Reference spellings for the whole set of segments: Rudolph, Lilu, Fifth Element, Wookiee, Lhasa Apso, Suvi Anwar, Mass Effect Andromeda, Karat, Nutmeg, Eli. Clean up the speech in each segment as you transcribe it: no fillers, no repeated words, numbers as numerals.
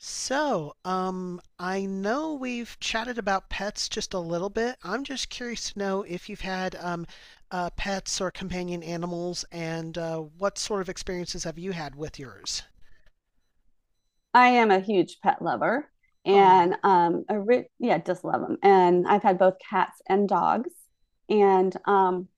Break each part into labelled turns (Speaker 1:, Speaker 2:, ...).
Speaker 1: I know we've chatted about pets just a little bit. I'm just curious to know if you've had pets or companion animals, and what sort of experiences have you had with yours?
Speaker 2: I am a huge pet lover
Speaker 1: Oh,
Speaker 2: and yeah, just love them. And I've had both cats and dogs. And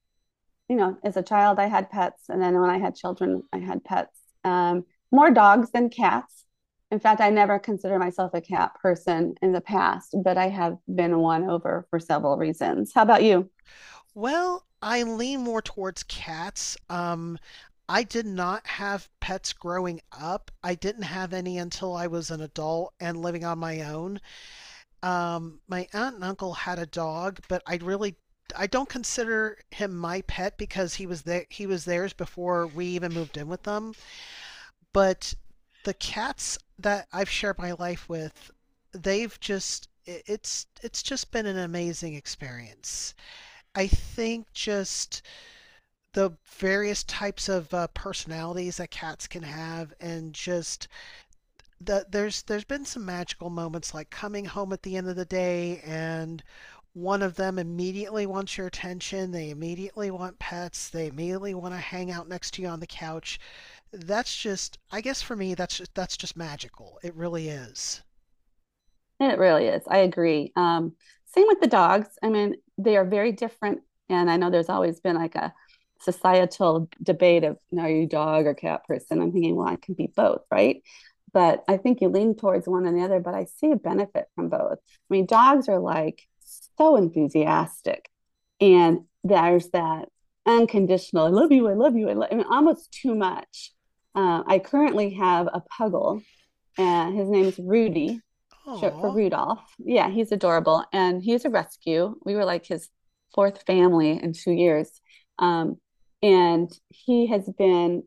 Speaker 2: you know, as a child I had pets and then when I had children I had pets. Um More dogs than cats. In fact, I never considered myself a cat person in the past, but I have been won over for several reasons. How about you?
Speaker 1: well, I lean more towards cats. I did not have pets growing up. I didn't have any until I was an adult and living on my own. My aunt and uncle had a dog, but I really, I don't consider him my pet because he was theirs before we even moved in with them. But the cats that I've shared my life with, they've just, it's just been an amazing experience. I think just the various types of personalities that cats can have, and just there's been some magical moments, like coming home at the end of the day and one of them immediately wants your attention, they immediately want pets, they immediately want to hang out next to you on the couch. That's just, I guess for me, that's just magical. It really is.
Speaker 2: It really is. I agree. Same with the dogs. I mean, they are very different. And I know there's always been like a societal debate of, you know, are you dog or cat person? I'm thinking, well, I can be both, right? But I think you lean towards one or the other, but I see a benefit from both. I mean, dogs are like so enthusiastic. And there's that unconditional, I love you, I love you, I love, I mean, almost too much. I currently have a puggle, and his name is Rudy, ship for
Speaker 1: Oh,
Speaker 2: Rudolph. Yeah, he's adorable. And he's a rescue. We were like his fourth family in 2 years. Um, and he has been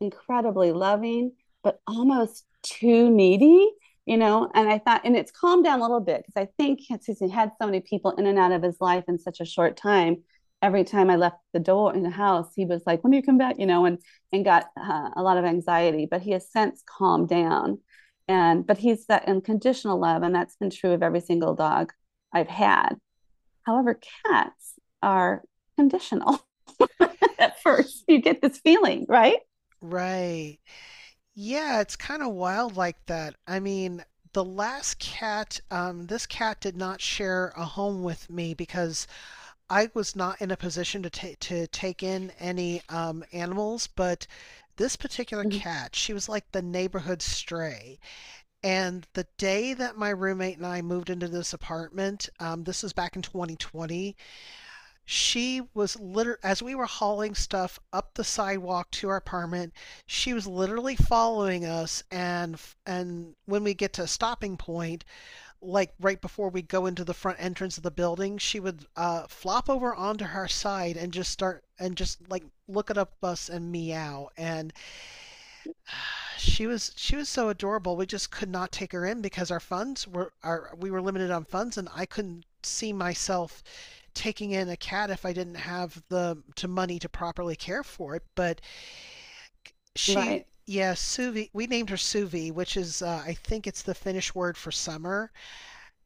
Speaker 2: incredibly loving, but almost too needy, you know. And I thought, and it's calmed down a little bit because I think since he had so many people in and out of his life in such a short time, every time I left the door in the house, he was like, "When do you come back?" You know, and got a lot of anxiety. But he has since calmed down, and but he's that unconditional love, and that's been true of every single dog I've had. However, cats are conditional at first. You get this feeling, right?
Speaker 1: right, yeah, it's kind of wild like that. I mean, the last cat, this cat did not share a home with me because I was not in a position to to take in any animals, but this particular
Speaker 2: Mhm.
Speaker 1: cat, she was like the neighborhood stray. And the day that my roommate and I moved into this apartment, this was back in 2020, she was literally, as we were hauling stuff up the sidewalk to our apartment, she was literally following us. And when we get to a stopping point, like right before we go into the front entrance of the building, she would flop over onto her side and just start, and just like look at us and meow. And she was so adorable. We just could not take her in because our funds were our we were limited on funds, and I couldn't see myself taking in a cat if I didn't have the to money to properly care for it. But she.
Speaker 2: Right.
Speaker 1: Yeah, Suvi. We named her Suvi, which is I think it's the Finnish word for summer.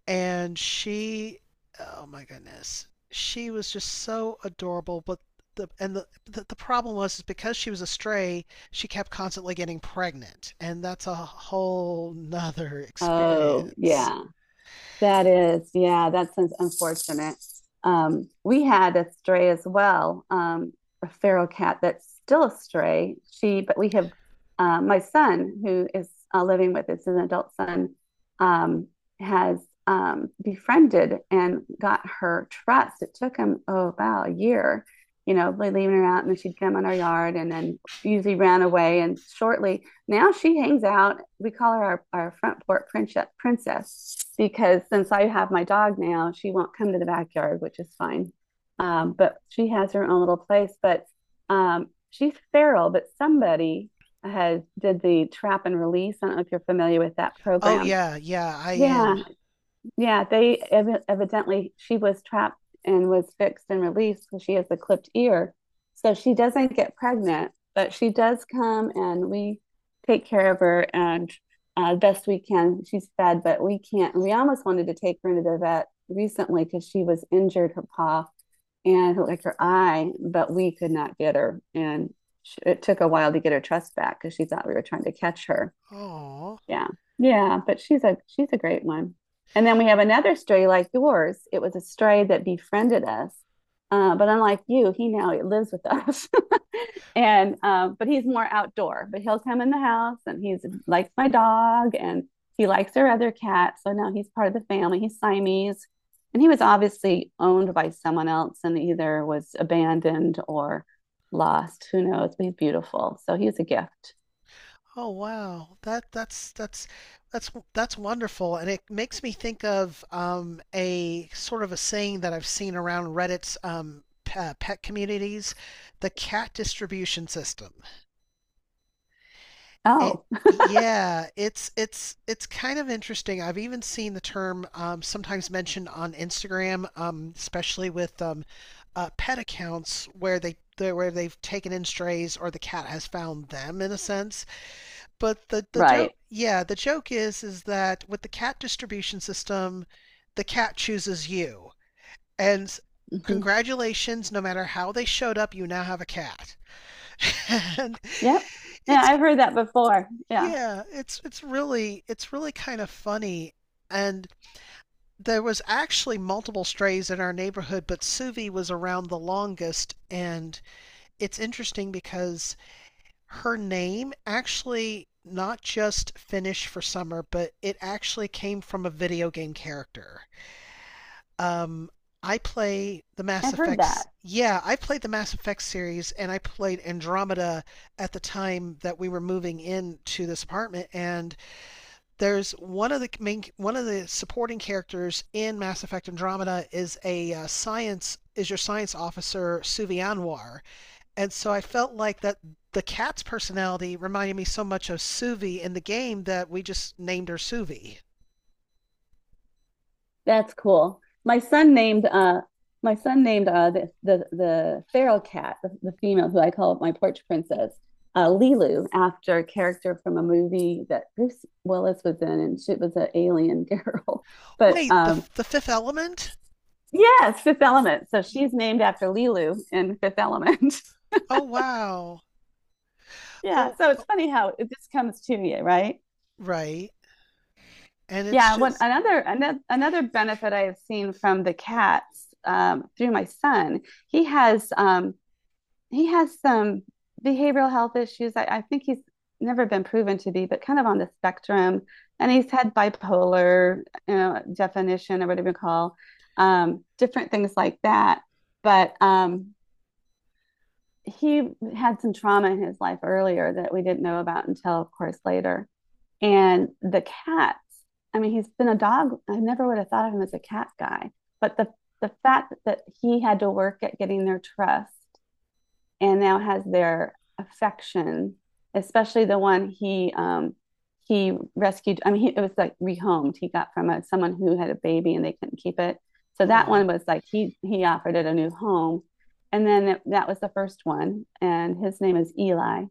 Speaker 1: And she, oh my goodness, she was just so adorable. But the and the the problem was is because she was a stray, she kept constantly getting pregnant, and that's a whole nother
Speaker 2: Oh,
Speaker 1: experience.
Speaker 2: yeah. That is, yeah, that's unfortunate. We had a stray as well, a feral cat that's still a stray. But we have my son who is living with us, an adult son, um, has befriended and got her trust. It took him, oh, about a year, you know, leaving her out, and then she'd come in our yard and then usually ran away. And shortly, now she hangs out. We call her our front porch princess, because since I have my dog now, she won't come to the backyard, which is fine. But she has her own little place. But She's feral, but somebody has did the trap and release. I don't know if you're familiar with that
Speaker 1: Oh
Speaker 2: program.
Speaker 1: yeah, yeah, I
Speaker 2: Yeah,
Speaker 1: am.
Speaker 2: yeah, they evidently she was trapped and was fixed and released because she has a clipped ear. So she doesn't get pregnant, but she does come and we take care of her and best we can. She's fed, but we can't. We almost wanted to take her into the vet recently because she was injured her paw and like her eye, but we could not get her. And it took a while to get her trust back because she thought we were trying to catch her.
Speaker 1: Oh.
Speaker 2: Yeah. Yeah, but she's a great one. And then we have another stray like yours. It was a stray that befriended us. But unlike you, he now lives with us. And But he's more outdoor, but he'll come in the house and he's likes my dog and he likes our other cat. So now he's part of the family. He's Siamese. And he was obviously owned by someone else and either was abandoned or lost. Who knows? But he's beautiful. So he's a gift.
Speaker 1: Oh wow. That's wonderful, and it makes me think of a sort of a saying that I've seen around Reddit's pet communities, the cat distribution system. It,
Speaker 2: Oh,
Speaker 1: yeah, it's kind of interesting. I've even seen the term sometimes mentioned on Instagram, especially with pet accounts where they've taken in strays, or the cat has found them in a sense. But the joke,
Speaker 2: right.
Speaker 1: yeah, the joke is that with the cat distribution system, the cat chooses you. And
Speaker 2: Hmm.
Speaker 1: congratulations, no matter how they showed up, you now have a cat. And
Speaker 2: Yep. Yeah,
Speaker 1: it's,
Speaker 2: I've heard that before. Yeah,
Speaker 1: yeah, it's really kind of funny. And there was actually multiple strays in our neighborhood, but Suvi was around the longest. And it's interesting because her name actually not just Finnish for summer, but it actually came from a video game character. Um, I play the Mass
Speaker 2: I've heard
Speaker 1: Effect.
Speaker 2: that.
Speaker 1: Yeah, I played the Mass Effect series, and I played Andromeda at the time that we were moving into this apartment. And there's one of the supporting characters in Mass Effect Andromeda is a science is your science officer Suvi Anwar, and so I felt like that the cat's personality reminded me so much of Suvi in the game that we just named her Suvi.
Speaker 2: That's cool. My son named the feral cat, the female who I call my porch princess, Lilu, after a character from a movie that Bruce Willis was in, and she was an alien girl. But
Speaker 1: Wait, the the fifth element?
Speaker 2: Yes, Fifth Element. So she's named after Lilu in Fifth Element.
Speaker 1: Oh wow.
Speaker 2: Yeah,
Speaker 1: Oh,
Speaker 2: so it's
Speaker 1: oh,
Speaker 2: funny how it just comes to you, right?
Speaker 1: right. And it's
Speaker 2: Yeah, what
Speaker 1: just
Speaker 2: another benefit I have seen from the cats, through my son, he has um, he has some behavioral health issues. I think he's never been proven to be, but kind of on the spectrum, and he's had bipolar, you know, definition or whatever you call different things like that. But He had some trauma in his life earlier that we didn't know about until, of course, later. And the cats, I mean, he's been a dog. I never would have thought of him as a cat guy, but the fact that he had to work at getting their trust and now has their affection, especially the one he rescued. I mean, he, it was like rehomed. He got from a, someone who had a baby and they couldn't keep it. So that
Speaker 1: oh.
Speaker 2: one was like he offered it a new home, and then it, that was the first one, and his name is Eli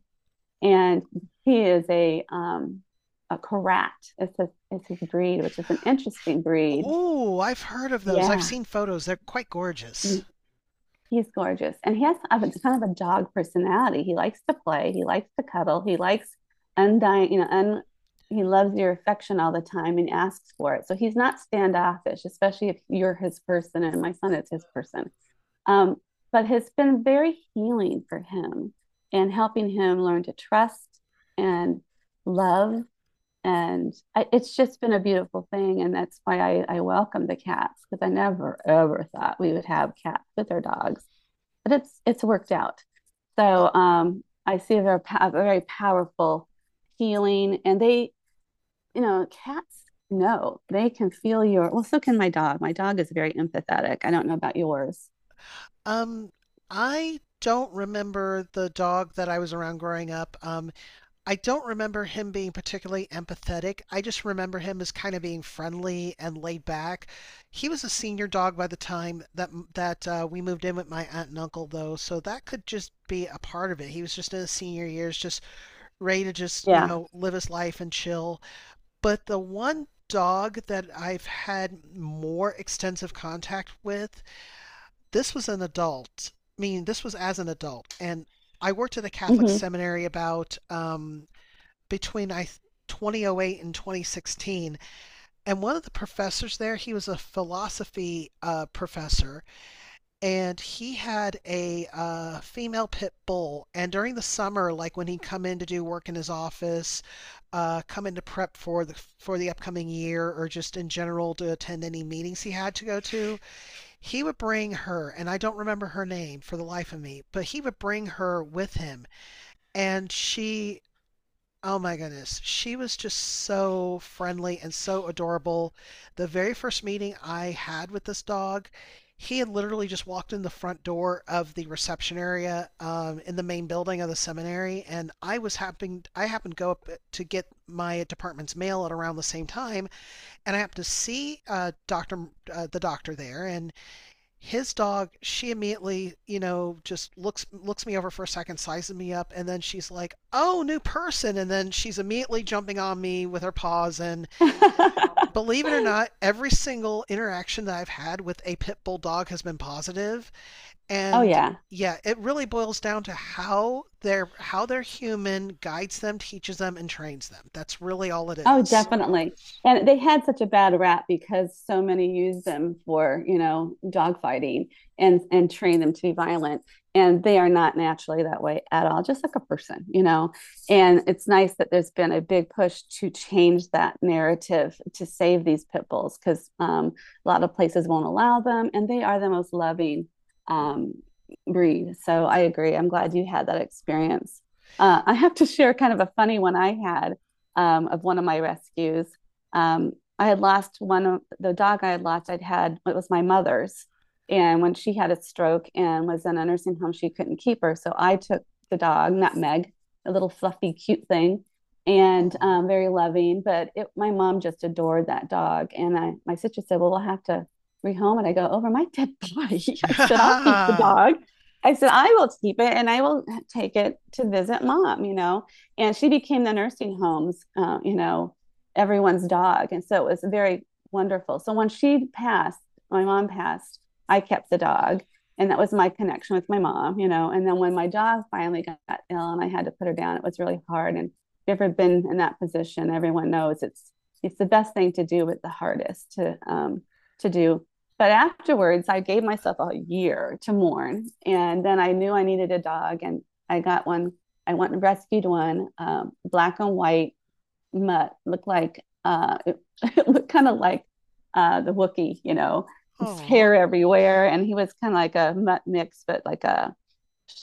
Speaker 2: and he is a a Karat. It's his breed, which is an interesting breed.
Speaker 1: Oh, I've heard of those. I've
Speaker 2: Yeah,
Speaker 1: seen photos. They're quite gorgeous.
Speaker 2: he's gorgeous, and he has a, kind of a dog personality. He likes to play, he likes to cuddle, he likes undying, you know, un, he loves your affection all the time and asks for it. So he's not standoffish, especially if you're his person. And my son is his person. Um, but it's been very healing for him and helping him learn to trust and love and it's just been a beautiful thing, and that's why I welcome the cats because I never ever thought we would have cats with our dogs, but it's worked out.
Speaker 1: Uh,
Speaker 2: I see they're a very powerful healing, and they, you know, cats know they can feel your well. So can my dog. My dog is very empathetic. I don't know about yours.
Speaker 1: um, I don't remember the dog that I was around growing up. I don't remember him being particularly empathetic. I just remember him as kind of being friendly and laid back. He was a senior dog by the time that we moved in with my aunt and uncle, though, so that could just be a part of it. He was just in his senior years, just ready to just, you
Speaker 2: Yeah.
Speaker 1: know, live his life and chill. But the one dog that I've had more extensive contact with, this was an adult. I mean, this was as an adult, and I worked at a Catholic
Speaker 2: Hmm.
Speaker 1: seminary about between I 2008 and 2016. And one of the professors there, he was a philosophy professor, and he had a female pit bull. And during the summer, like when he'd come in to do work in his office, come in to prep for the upcoming year, or just in general to attend any meetings he had to go to, he would bring her. And I don't remember her name for the life of me, but he would bring her with him, and she, oh my goodness, she was just so friendly and so adorable. The very first meeting I had with this dog, he had literally just walked in the front door of the reception area in the main building of the seminary, and I happened to go up to get my department's mail at around the same time, and I happened to see the doctor there, and his dog, she immediately, you know, just looks me over for a second, sizes me up, and then she's like, oh, new person, and then she's immediately jumping on me with her paws. And believe it or not, every single interaction that I've had with a pit bull dog has been positive.
Speaker 2: Oh
Speaker 1: And
Speaker 2: yeah.
Speaker 1: yeah, it really boils down to how their human guides them, teaches them, and trains them. That's really all it
Speaker 2: Oh,
Speaker 1: is.
Speaker 2: definitely. And they had such a bad rap because so many use them for, you know, dogfighting and train them to be violent. And they are not naturally that way at all, just like a person, you know. And it's nice that there's been a big push to change that narrative to save these pit bulls because a lot of places won't allow them, and they are the most loving um, breed. So I agree. I'm glad you had that experience. I have to share kind of a funny one I had of one of my rescues. Um, I had lost one of the dog I had lost, I'd had, it was my mother's. And when she had a stroke and was in a nursing home, she couldn't keep her. So I took the dog, Nutmeg, a little fluffy, cute thing, and
Speaker 1: Oh.
Speaker 2: very loving. But it, my mom just adored that dog. And my sister said, "Well, we'll have to rehome it." I go, "Over my dead body." I said, "I'll keep the dog." I said, "I will keep it and I will take it to visit mom, you know?" And she became the nursing home's, you know, everyone's dog, and so it was very wonderful. So when she passed, my mom passed, I kept the dog, and that was my connection with my mom, you know. And then when my dog finally got ill and I had to put her down, it was really hard. And if you've ever been in that position, everyone knows it's the best thing to do, but the hardest to do. But afterwards, I gave myself a year to mourn, and then I knew I needed a dog, and I got one. I went and rescued one, black and white mutt, looked like it, it looked kind of like the Wookiee, you know, his
Speaker 1: Oh.
Speaker 2: hair everywhere, and he was kind of like a mutt mix, but like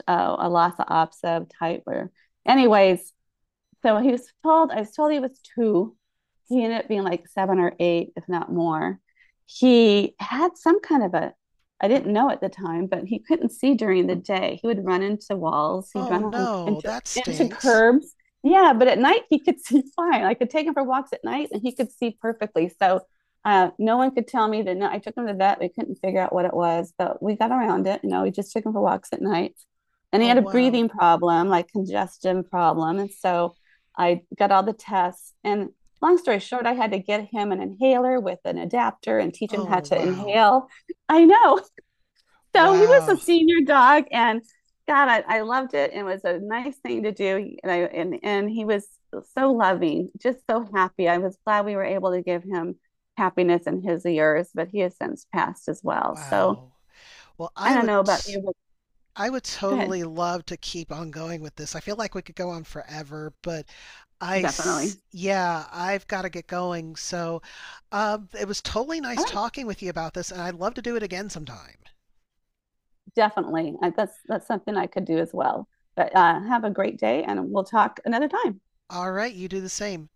Speaker 2: a, a Lhasa Apso type. Where, anyways, so I was told he was two. He ended up being like seven or eight, if not more. He had some kind of a, I didn't know at the time, but he couldn't see during the day. He would run into walls, he'd
Speaker 1: Oh
Speaker 2: run on,
Speaker 1: no,
Speaker 2: into
Speaker 1: that
Speaker 2: into
Speaker 1: stinks.
Speaker 2: curbs. Yeah, but at night he could see fine. I could take him for walks at night and he could see perfectly. So no one could tell me that. No, I took him to the vet. We couldn't figure out what it was, but we got around it. You know, we just took him for walks at night. And he
Speaker 1: Oh
Speaker 2: had a
Speaker 1: wow.
Speaker 2: breathing problem, like congestion problem. And so I got all the tests. And long story short, I had to get him an inhaler with an adapter and teach him how
Speaker 1: Oh,
Speaker 2: to
Speaker 1: wow.
Speaker 2: inhale. I know. So he was a
Speaker 1: Wow.
Speaker 2: senior dog and God, I loved it. It was a nice thing to do. And he was so loving, just so happy. I was glad we were able to give him happiness in his years, but he has since passed as well. So
Speaker 1: Wow. Well,
Speaker 2: I
Speaker 1: I
Speaker 2: don't
Speaker 1: would,
Speaker 2: know about you, but
Speaker 1: I would
Speaker 2: go ahead.
Speaker 1: totally love to keep on going with this. I feel like we could go on forever, but
Speaker 2: Definitely.
Speaker 1: yeah, I've got to get going. So, it was totally
Speaker 2: All
Speaker 1: nice
Speaker 2: right.
Speaker 1: talking with you about this, and I'd love to do it again sometime.
Speaker 2: Definitely. That's something I could do as well. But
Speaker 1: Uh,
Speaker 2: have a great day, and we'll talk another time.
Speaker 1: all right, you do the same.